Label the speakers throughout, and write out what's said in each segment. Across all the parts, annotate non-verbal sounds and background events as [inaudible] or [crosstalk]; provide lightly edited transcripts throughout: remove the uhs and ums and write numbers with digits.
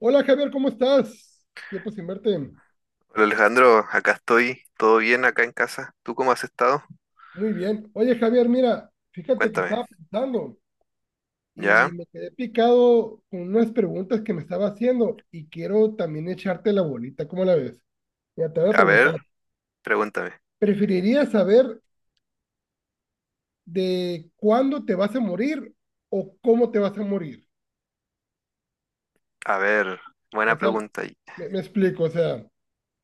Speaker 1: Hola Javier, ¿cómo estás? Tiempo sin verte.
Speaker 2: Hola Alejandro, acá estoy, todo bien acá en casa. ¿Tú cómo has estado?
Speaker 1: Muy bien. Oye Javier, mira, fíjate que
Speaker 2: Cuéntame.
Speaker 1: estaba pensando y
Speaker 2: Ya,
Speaker 1: me quedé picado con unas preguntas que me estaba haciendo y quiero también echarte la bolita, ¿cómo la ves? Ya te voy a
Speaker 2: a
Speaker 1: preguntar,
Speaker 2: ver, pregúntame.
Speaker 1: ¿preferirías saber de cuándo te vas a morir o cómo te vas a morir?
Speaker 2: A ver,
Speaker 1: O
Speaker 2: buena
Speaker 1: sea,
Speaker 2: pregunta.
Speaker 1: me explico, o sea,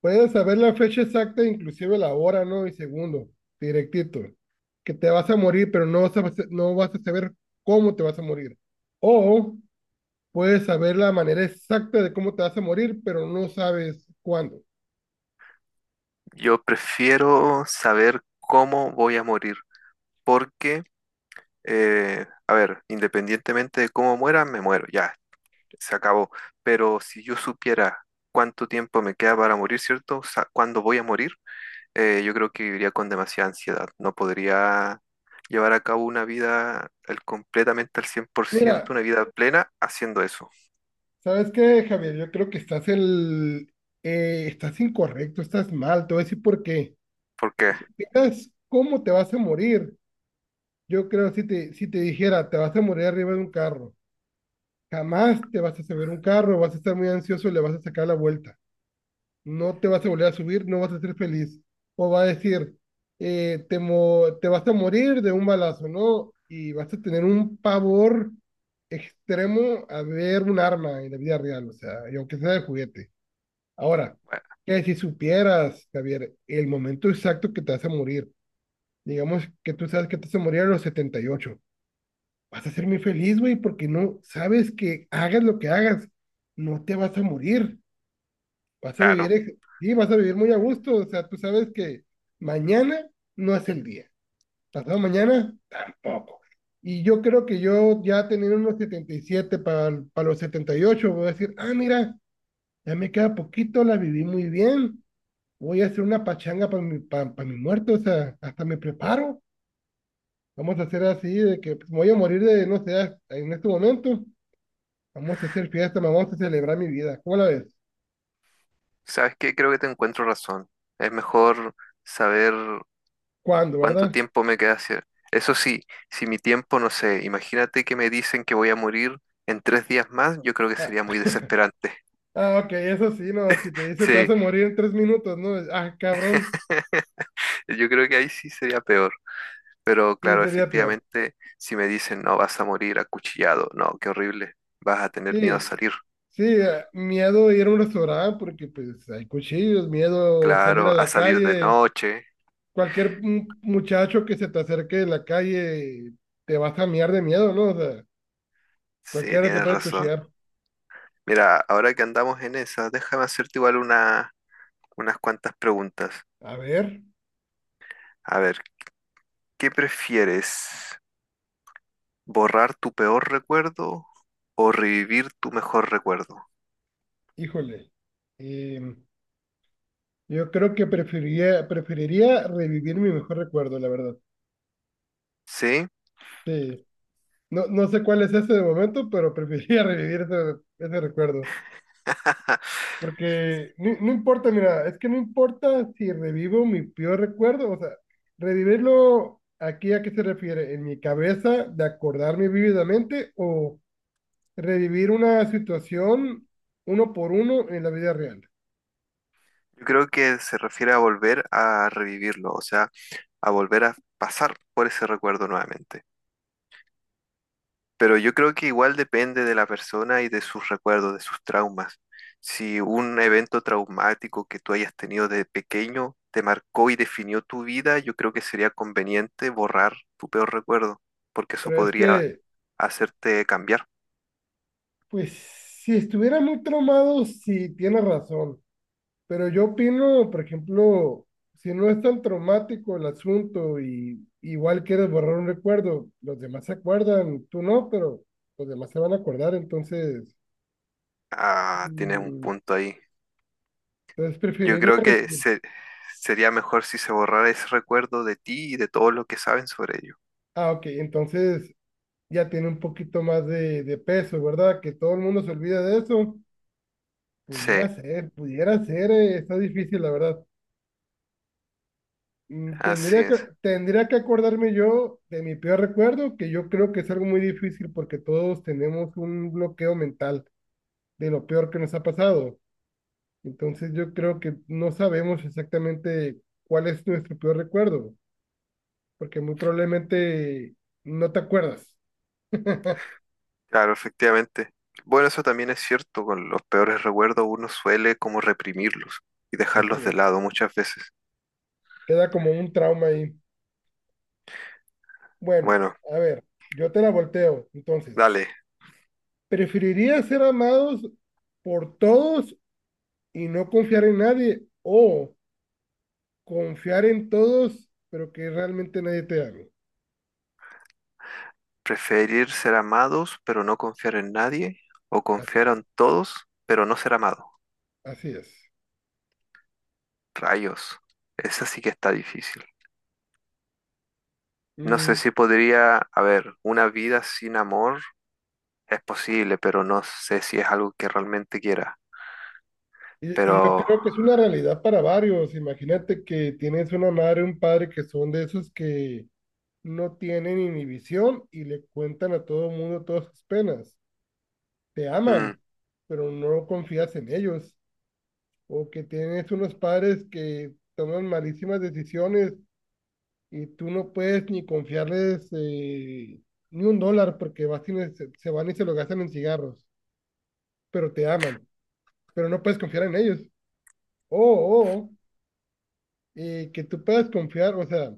Speaker 1: puedes saber la fecha exacta, inclusive la hora, ¿no? Y segundo, directito. Que te vas a morir, pero no vas a saber cómo te vas a morir. O puedes saber la manera exacta de cómo te vas a morir, pero no sabes cuándo.
Speaker 2: Yo prefiero saber cómo voy a morir, porque, a ver, independientemente de cómo muera, me muero, ya, se acabó. Pero si yo supiera cuánto tiempo me queda para morir, ¿cierto? O sea, ¿cuándo voy a morir? Yo creo que viviría con demasiada ansiedad. No podría llevar a cabo una vida completamente al 100%
Speaker 1: Mira,
Speaker 2: una vida plena haciendo eso.
Speaker 1: ¿sabes qué, Javier? Yo creo que estás incorrecto, estás mal. Te voy a decir por qué.
Speaker 2: Porque,
Speaker 1: Si supieras cómo te vas a morir, yo creo si te dijera, te vas a morir arriba de un carro. Jamás te vas a subir un carro, vas a estar muy ansioso y le vas a sacar la vuelta. No te vas a volver a subir, no vas a ser feliz. O va a decir, te vas a morir de un balazo, ¿no? Y vas a tener un pavor extremo a ver un arma en la vida real, o sea, y aunque sea de juguete. Ahora,
Speaker 2: bueno,
Speaker 1: que si supieras, Javier, el momento exacto que te vas a morir, digamos que tú sabes que te vas a morir a los 78. Vas a ser muy feliz, güey, porque no sabes que hagas lo que hagas, no te vas a morir, vas a
Speaker 2: claro,
Speaker 1: vivir, ex- sí, vas a vivir muy a gusto, o sea, tú sabes que mañana no es el día, pasado mañana tampoco. Y yo creo que yo ya teniendo unos 77 para los 78 voy a decir, ah, mira, ya me queda poquito, la viví muy bien, voy a hacer una pachanga para mi, pa' mi muerto, o sea, hasta me preparo. Vamos a hacer así, de que pues, me voy a morir de, no sé, en este momento. Vamos a hacer fiesta, me vamos a celebrar mi vida. ¿Cómo la ves?
Speaker 2: ¿sabes qué? Creo que te encuentro razón. Es mejor saber
Speaker 1: ¿Cuándo,
Speaker 2: cuánto
Speaker 1: verdad?
Speaker 2: tiempo me queda hacer. Eso sí, si mi tiempo, no sé, imagínate que me dicen que voy a morir en 3 días más, yo creo que
Speaker 1: Ah,
Speaker 2: sería muy desesperante.
Speaker 1: ah, ok, eso sí, no, si te dice te vas
Speaker 2: [laughs] Sí,
Speaker 1: a morir en 3 minutos, ¿no? Ah, cabrón,
Speaker 2: yo creo que ahí sí sería peor. Pero
Speaker 1: sí,
Speaker 2: claro,
Speaker 1: sería peor.
Speaker 2: efectivamente, si me dicen, no, vas a morir acuchillado, no, qué horrible, vas a tener miedo a
Speaker 1: Sí,
Speaker 2: salir.
Speaker 1: sí, ah, miedo a ir a un restaurante porque pues hay cuchillos, miedo a salir
Speaker 2: Claro,
Speaker 1: a
Speaker 2: a
Speaker 1: la
Speaker 2: salir de
Speaker 1: calle,
Speaker 2: noche.
Speaker 1: cualquier muchacho que se te acerque en la calle te vas a mear de miedo, ¿no? O sea,
Speaker 2: Sí,
Speaker 1: cualquiera te
Speaker 2: tienes
Speaker 1: puede
Speaker 2: razón.
Speaker 1: cuchillar.
Speaker 2: Mira, ahora que andamos en esa, déjame hacerte igual unas cuantas preguntas.
Speaker 1: A ver,
Speaker 2: A ver, ¿qué prefieres? ¿Borrar tu peor recuerdo o revivir tu mejor recuerdo?
Speaker 1: híjole. em, Yo creo que preferiría revivir mi mejor recuerdo, la verdad.
Speaker 2: ¿Sí?
Speaker 1: Sí. No, no sé cuál es ese de momento, pero preferiría [laughs] revivir ese recuerdo.
Speaker 2: [laughs]
Speaker 1: Porque no importa, mira, es que no importa si revivo mi peor recuerdo, o sea, revivirlo aquí a qué se refiere, en mi cabeza, de acordarme vívidamente, o revivir una situación uno por uno en la vida real.
Speaker 2: Yo creo que se refiere a volver a revivirlo, o sea, a volver a pasar por ese recuerdo nuevamente. Pero yo creo que igual depende de la persona y de sus recuerdos, de sus traumas. Si un evento traumático que tú hayas tenido de pequeño te marcó y definió tu vida, yo creo que sería conveniente borrar tu peor recuerdo, porque eso
Speaker 1: Pero es
Speaker 2: podría
Speaker 1: que,
Speaker 2: hacerte cambiar.
Speaker 1: pues, si estuviera muy traumado, sí, tiene razón. Pero yo opino, por ejemplo, si no es tan traumático el asunto y igual quieres borrar un recuerdo, los demás se acuerdan, tú no, pero los demás se van a acordar,
Speaker 2: Ah, tienes un
Speaker 1: mm,
Speaker 2: punto ahí.
Speaker 1: entonces
Speaker 2: Yo
Speaker 1: preferiría
Speaker 2: creo que
Speaker 1: revivir.
Speaker 2: sería mejor si se borrara ese recuerdo de ti y de todo lo que saben sobre ello.
Speaker 1: Ah, ok, entonces ya tiene un poquito más de peso, ¿verdad? Que todo el mundo se olvida de eso.
Speaker 2: Sí,
Speaker 1: Pudiera ser, está difícil, la verdad. Mm,
Speaker 2: así
Speaker 1: Tendría que,
Speaker 2: es.
Speaker 1: tendría que acordarme yo de mi peor recuerdo, que yo creo que es algo muy difícil porque todos tenemos un bloqueo mental de lo peor que nos ha pasado. Entonces yo creo que no sabemos exactamente cuál es nuestro peor recuerdo, porque muy probablemente no te acuerdas.
Speaker 2: Claro, efectivamente. Bueno, eso también es cierto, con los peores recuerdos uno suele como reprimirlos y
Speaker 1: Así
Speaker 2: dejarlos de
Speaker 1: es.
Speaker 2: lado muchas veces.
Speaker 1: Queda como un trauma ahí. Bueno,
Speaker 2: Bueno,
Speaker 1: a ver, yo te la volteo. Entonces,
Speaker 2: dale,
Speaker 1: ¿preferirías ser amados por todos y no confiar en nadie o confiar en todos, pero que realmente nadie te haga?
Speaker 2: preferir ser amados pero no confiar en nadie o
Speaker 1: Así,
Speaker 2: confiar en todos pero no ser amado.
Speaker 1: así es.
Speaker 2: Rayos, esa sí que está difícil. No sé
Speaker 1: Mm,
Speaker 2: si podría, a ver, una vida sin amor es posible, pero no sé si es algo que realmente quiera.
Speaker 1: y yo
Speaker 2: Pero,
Speaker 1: creo que es una realidad para varios. Imagínate que tienes una madre, un padre que son de esos que no tienen inhibición y le cuentan a todo el mundo todas sus penas. Te
Speaker 2: mm,
Speaker 1: aman, pero no confías en ellos. O que tienes unos padres que toman malísimas decisiones y tú no puedes ni confiarles ni un dólar porque vas y se van y se lo gastan en cigarros, pero te aman, pero no puedes confiar en ellos. O, que tú puedas confiar, o sea,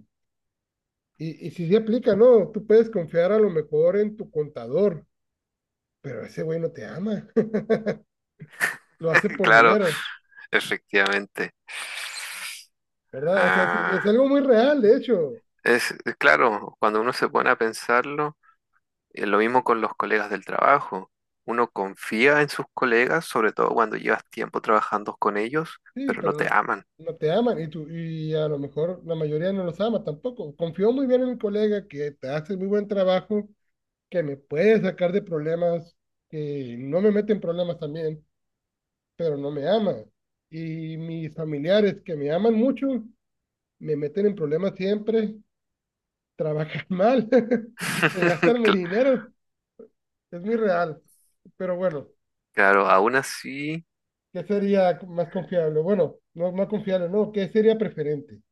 Speaker 1: y si se aplica, no, tú puedes confiar a lo mejor en tu contador, pero ese güey no te ama, [laughs] lo hace
Speaker 2: [laughs]
Speaker 1: por
Speaker 2: claro,
Speaker 1: dinero,
Speaker 2: efectivamente.
Speaker 1: ¿verdad? O sea, sí,
Speaker 2: Ah.
Speaker 1: es algo muy real, de hecho,
Speaker 2: Es claro, cuando uno se pone a pensarlo, lo mismo con los colegas del trabajo. Uno confía en sus colegas, sobre todo cuando llevas tiempo trabajando con ellos,
Speaker 1: sí,
Speaker 2: pero no
Speaker 1: pero
Speaker 2: te
Speaker 1: no.
Speaker 2: aman.
Speaker 1: No te aman y tú, y a lo mejor la mayoría no los ama tampoco. Confío muy bien en mi colega que te hace muy buen trabajo, que me puede sacar de problemas, que no me mete en problemas también, pero no me ama. Y mis familiares que me aman mucho, me meten en problemas siempre, trabajan mal, [laughs] se
Speaker 2: [laughs]
Speaker 1: gastan mi
Speaker 2: Cl-
Speaker 1: dinero, es muy real. Pero bueno,
Speaker 2: Claro,
Speaker 1: ¿qué sería más confiable? Bueno, no más confiable, no, ¿qué sería preferente?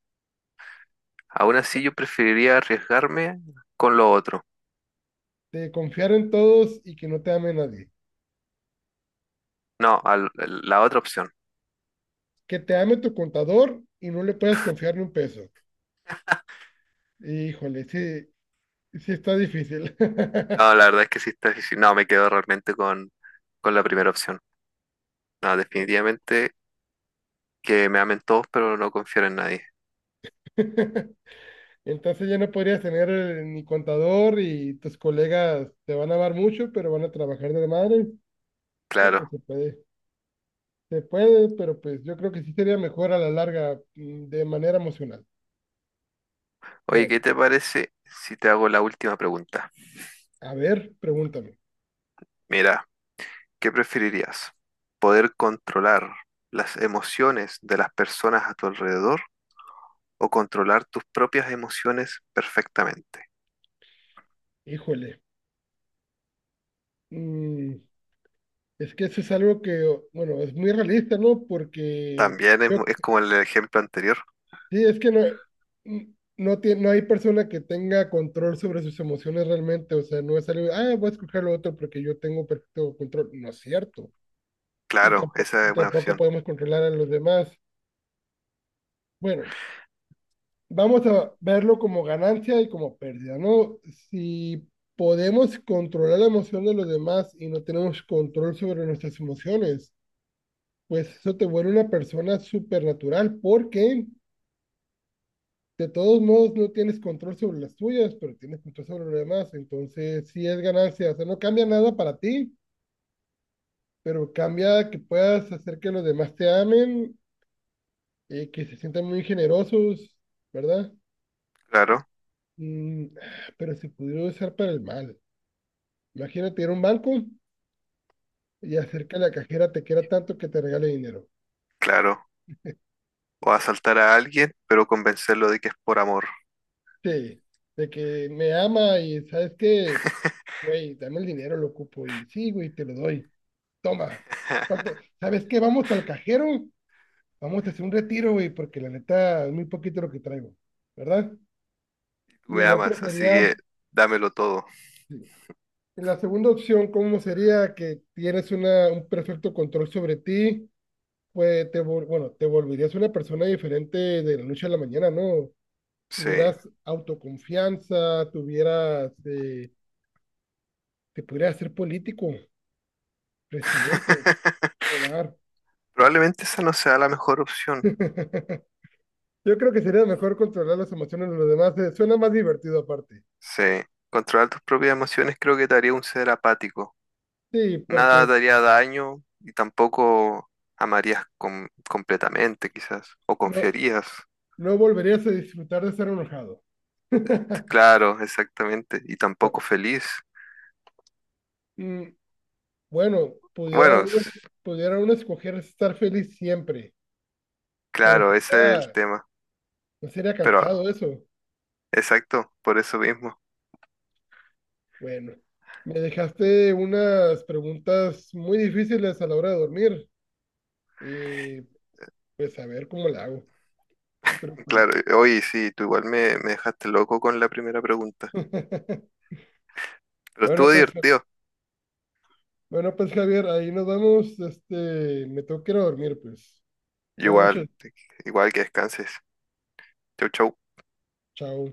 Speaker 2: aún así yo preferiría arriesgarme con lo otro.
Speaker 1: De confiar en todos y que no te ame nadie.
Speaker 2: No, la otra opción.
Speaker 1: Que te ame tu contador y no le puedas confiar ni un peso. Híjole, sí, sí está difícil.
Speaker 2: No, la verdad es que sí está difícil. No, me quedo realmente con la primera opción. No, definitivamente que me amen todos, pero no confiar en nadie.
Speaker 1: [laughs] Entonces ya no podrías tener ni contador y tus colegas te van a amar mucho, pero van a trabajar de madre. No, pues
Speaker 2: Claro.
Speaker 1: se puede, pero pues yo creo que sí sería mejor a la larga, de manera emocional.
Speaker 2: Oye,
Speaker 1: Bueno,
Speaker 2: ¿qué te parece si te hago la última pregunta?
Speaker 1: a ver, pregúntame.
Speaker 2: Mira, ¿qué preferirías? ¿Poder controlar las emociones de las personas a tu alrededor o controlar tus propias emociones perfectamente?
Speaker 1: Híjole, mm, es que eso es algo que, bueno, es muy realista, ¿no? Porque yo,
Speaker 2: Es como el ejemplo anterior.
Speaker 1: sí, es que no hay persona que tenga control sobre sus emociones realmente, o sea, no es algo, ah, voy a escoger lo otro porque yo tengo perfecto control. No es cierto. y
Speaker 2: Claro,
Speaker 1: tampoco,
Speaker 2: esa
Speaker 1: y
Speaker 2: es una
Speaker 1: tampoco
Speaker 2: opción.
Speaker 1: podemos controlar a los demás. Bueno, vamos a verlo como ganancia y como pérdida, ¿no? Si podemos controlar la emoción de los demás y no tenemos control sobre nuestras emociones, pues eso te vuelve una persona supernatural porque de todos modos no tienes control sobre las tuyas, pero tienes control sobre los demás. Entonces, sí es ganancia, o sea, no cambia nada para ti, pero cambia que puedas hacer que los demás te amen, que se sientan muy generosos, ¿verdad?
Speaker 2: Claro,
Speaker 1: Mm, pero si pudiera usar para el mal. Imagínate ir a un banco y hacer que la cajera te quiera tanto que te regale dinero.
Speaker 2: claro. O asaltar a alguien, pero convencerlo de que es por amor.
Speaker 1: Sí, de que me ama y sabes que, güey, dame el dinero, lo ocupo. Y sí, güey, te lo doy. Toma. ¿Cuánto?
Speaker 2: [laughs]
Speaker 1: ¿Sabes qué? Vamos al cajero, vamos a hacer un retiro, güey, porque la neta es muy poquito lo que traigo, ¿verdad?
Speaker 2: Tú
Speaker 1: Y
Speaker 2: me
Speaker 1: el otro
Speaker 2: amas, así
Speaker 1: sería,
Speaker 2: que dámelo todo.
Speaker 1: sí, la segunda opción, ¿cómo sería que tienes un perfecto control sobre ti? Bueno, te volverías una persona diferente de la noche a la mañana, ¿no?
Speaker 2: Sí.
Speaker 1: Tuvieras autoconfianza, te pudieras ser político, presidente,
Speaker 2: [laughs]
Speaker 1: robar.
Speaker 2: Probablemente esa no sea la mejor opción.
Speaker 1: [laughs] Yo creo que sería mejor controlar las emociones de los demás. Suena más divertido aparte.
Speaker 2: Sí, controlar tus propias emociones creo que te haría un ser apático.
Speaker 1: Sí,
Speaker 2: Nada
Speaker 1: porque
Speaker 2: te haría daño y tampoco amarías completamente, quizás, o
Speaker 1: no,
Speaker 2: confiarías.
Speaker 1: no volverías a disfrutar de estar enojado. [laughs]
Speaker 2: Claro, exactamente, y tampoco feliz.
Speaker 1: Mm, Bueno, pudiera
Speaker 2: Bueno,
Speaker 1: uno, pudiera uno escoger estar feliz siempre, pero
Speaker 2: claro, ese es el
Speaker 1: sería,
Speaker 2: tema,
Speaker 1: no sería cansado
Speaker 2: pero
Speaker 1: eso.
Speaker 2: exacto, por eso mismo.
Speaker 1: Bueno, me dejaste unas preguntas muy difíciles a la hora de dormir y pues a ver cómo la hago. Pero pues,
Speaker 2: Claro, oye, sí, tú igual me dejaste loco con la primera pregunta,
Speaker 1: [laughs]
Speaker 2: pero
Speaker 1: Bueno,
Speaker 2: estuvo
Speaker 1: pues, Javi-
Speaker 2: divertido.
Speaker 1: bueno, pues, Javier, ahí nos vamos. Me tengo que ir a dormir, pues. Buenas
Speaker 2: Igual,
Speaker 1: noches.
Speaker 2: igual que descanses. Chau, chau.
Speaker 1: Chao.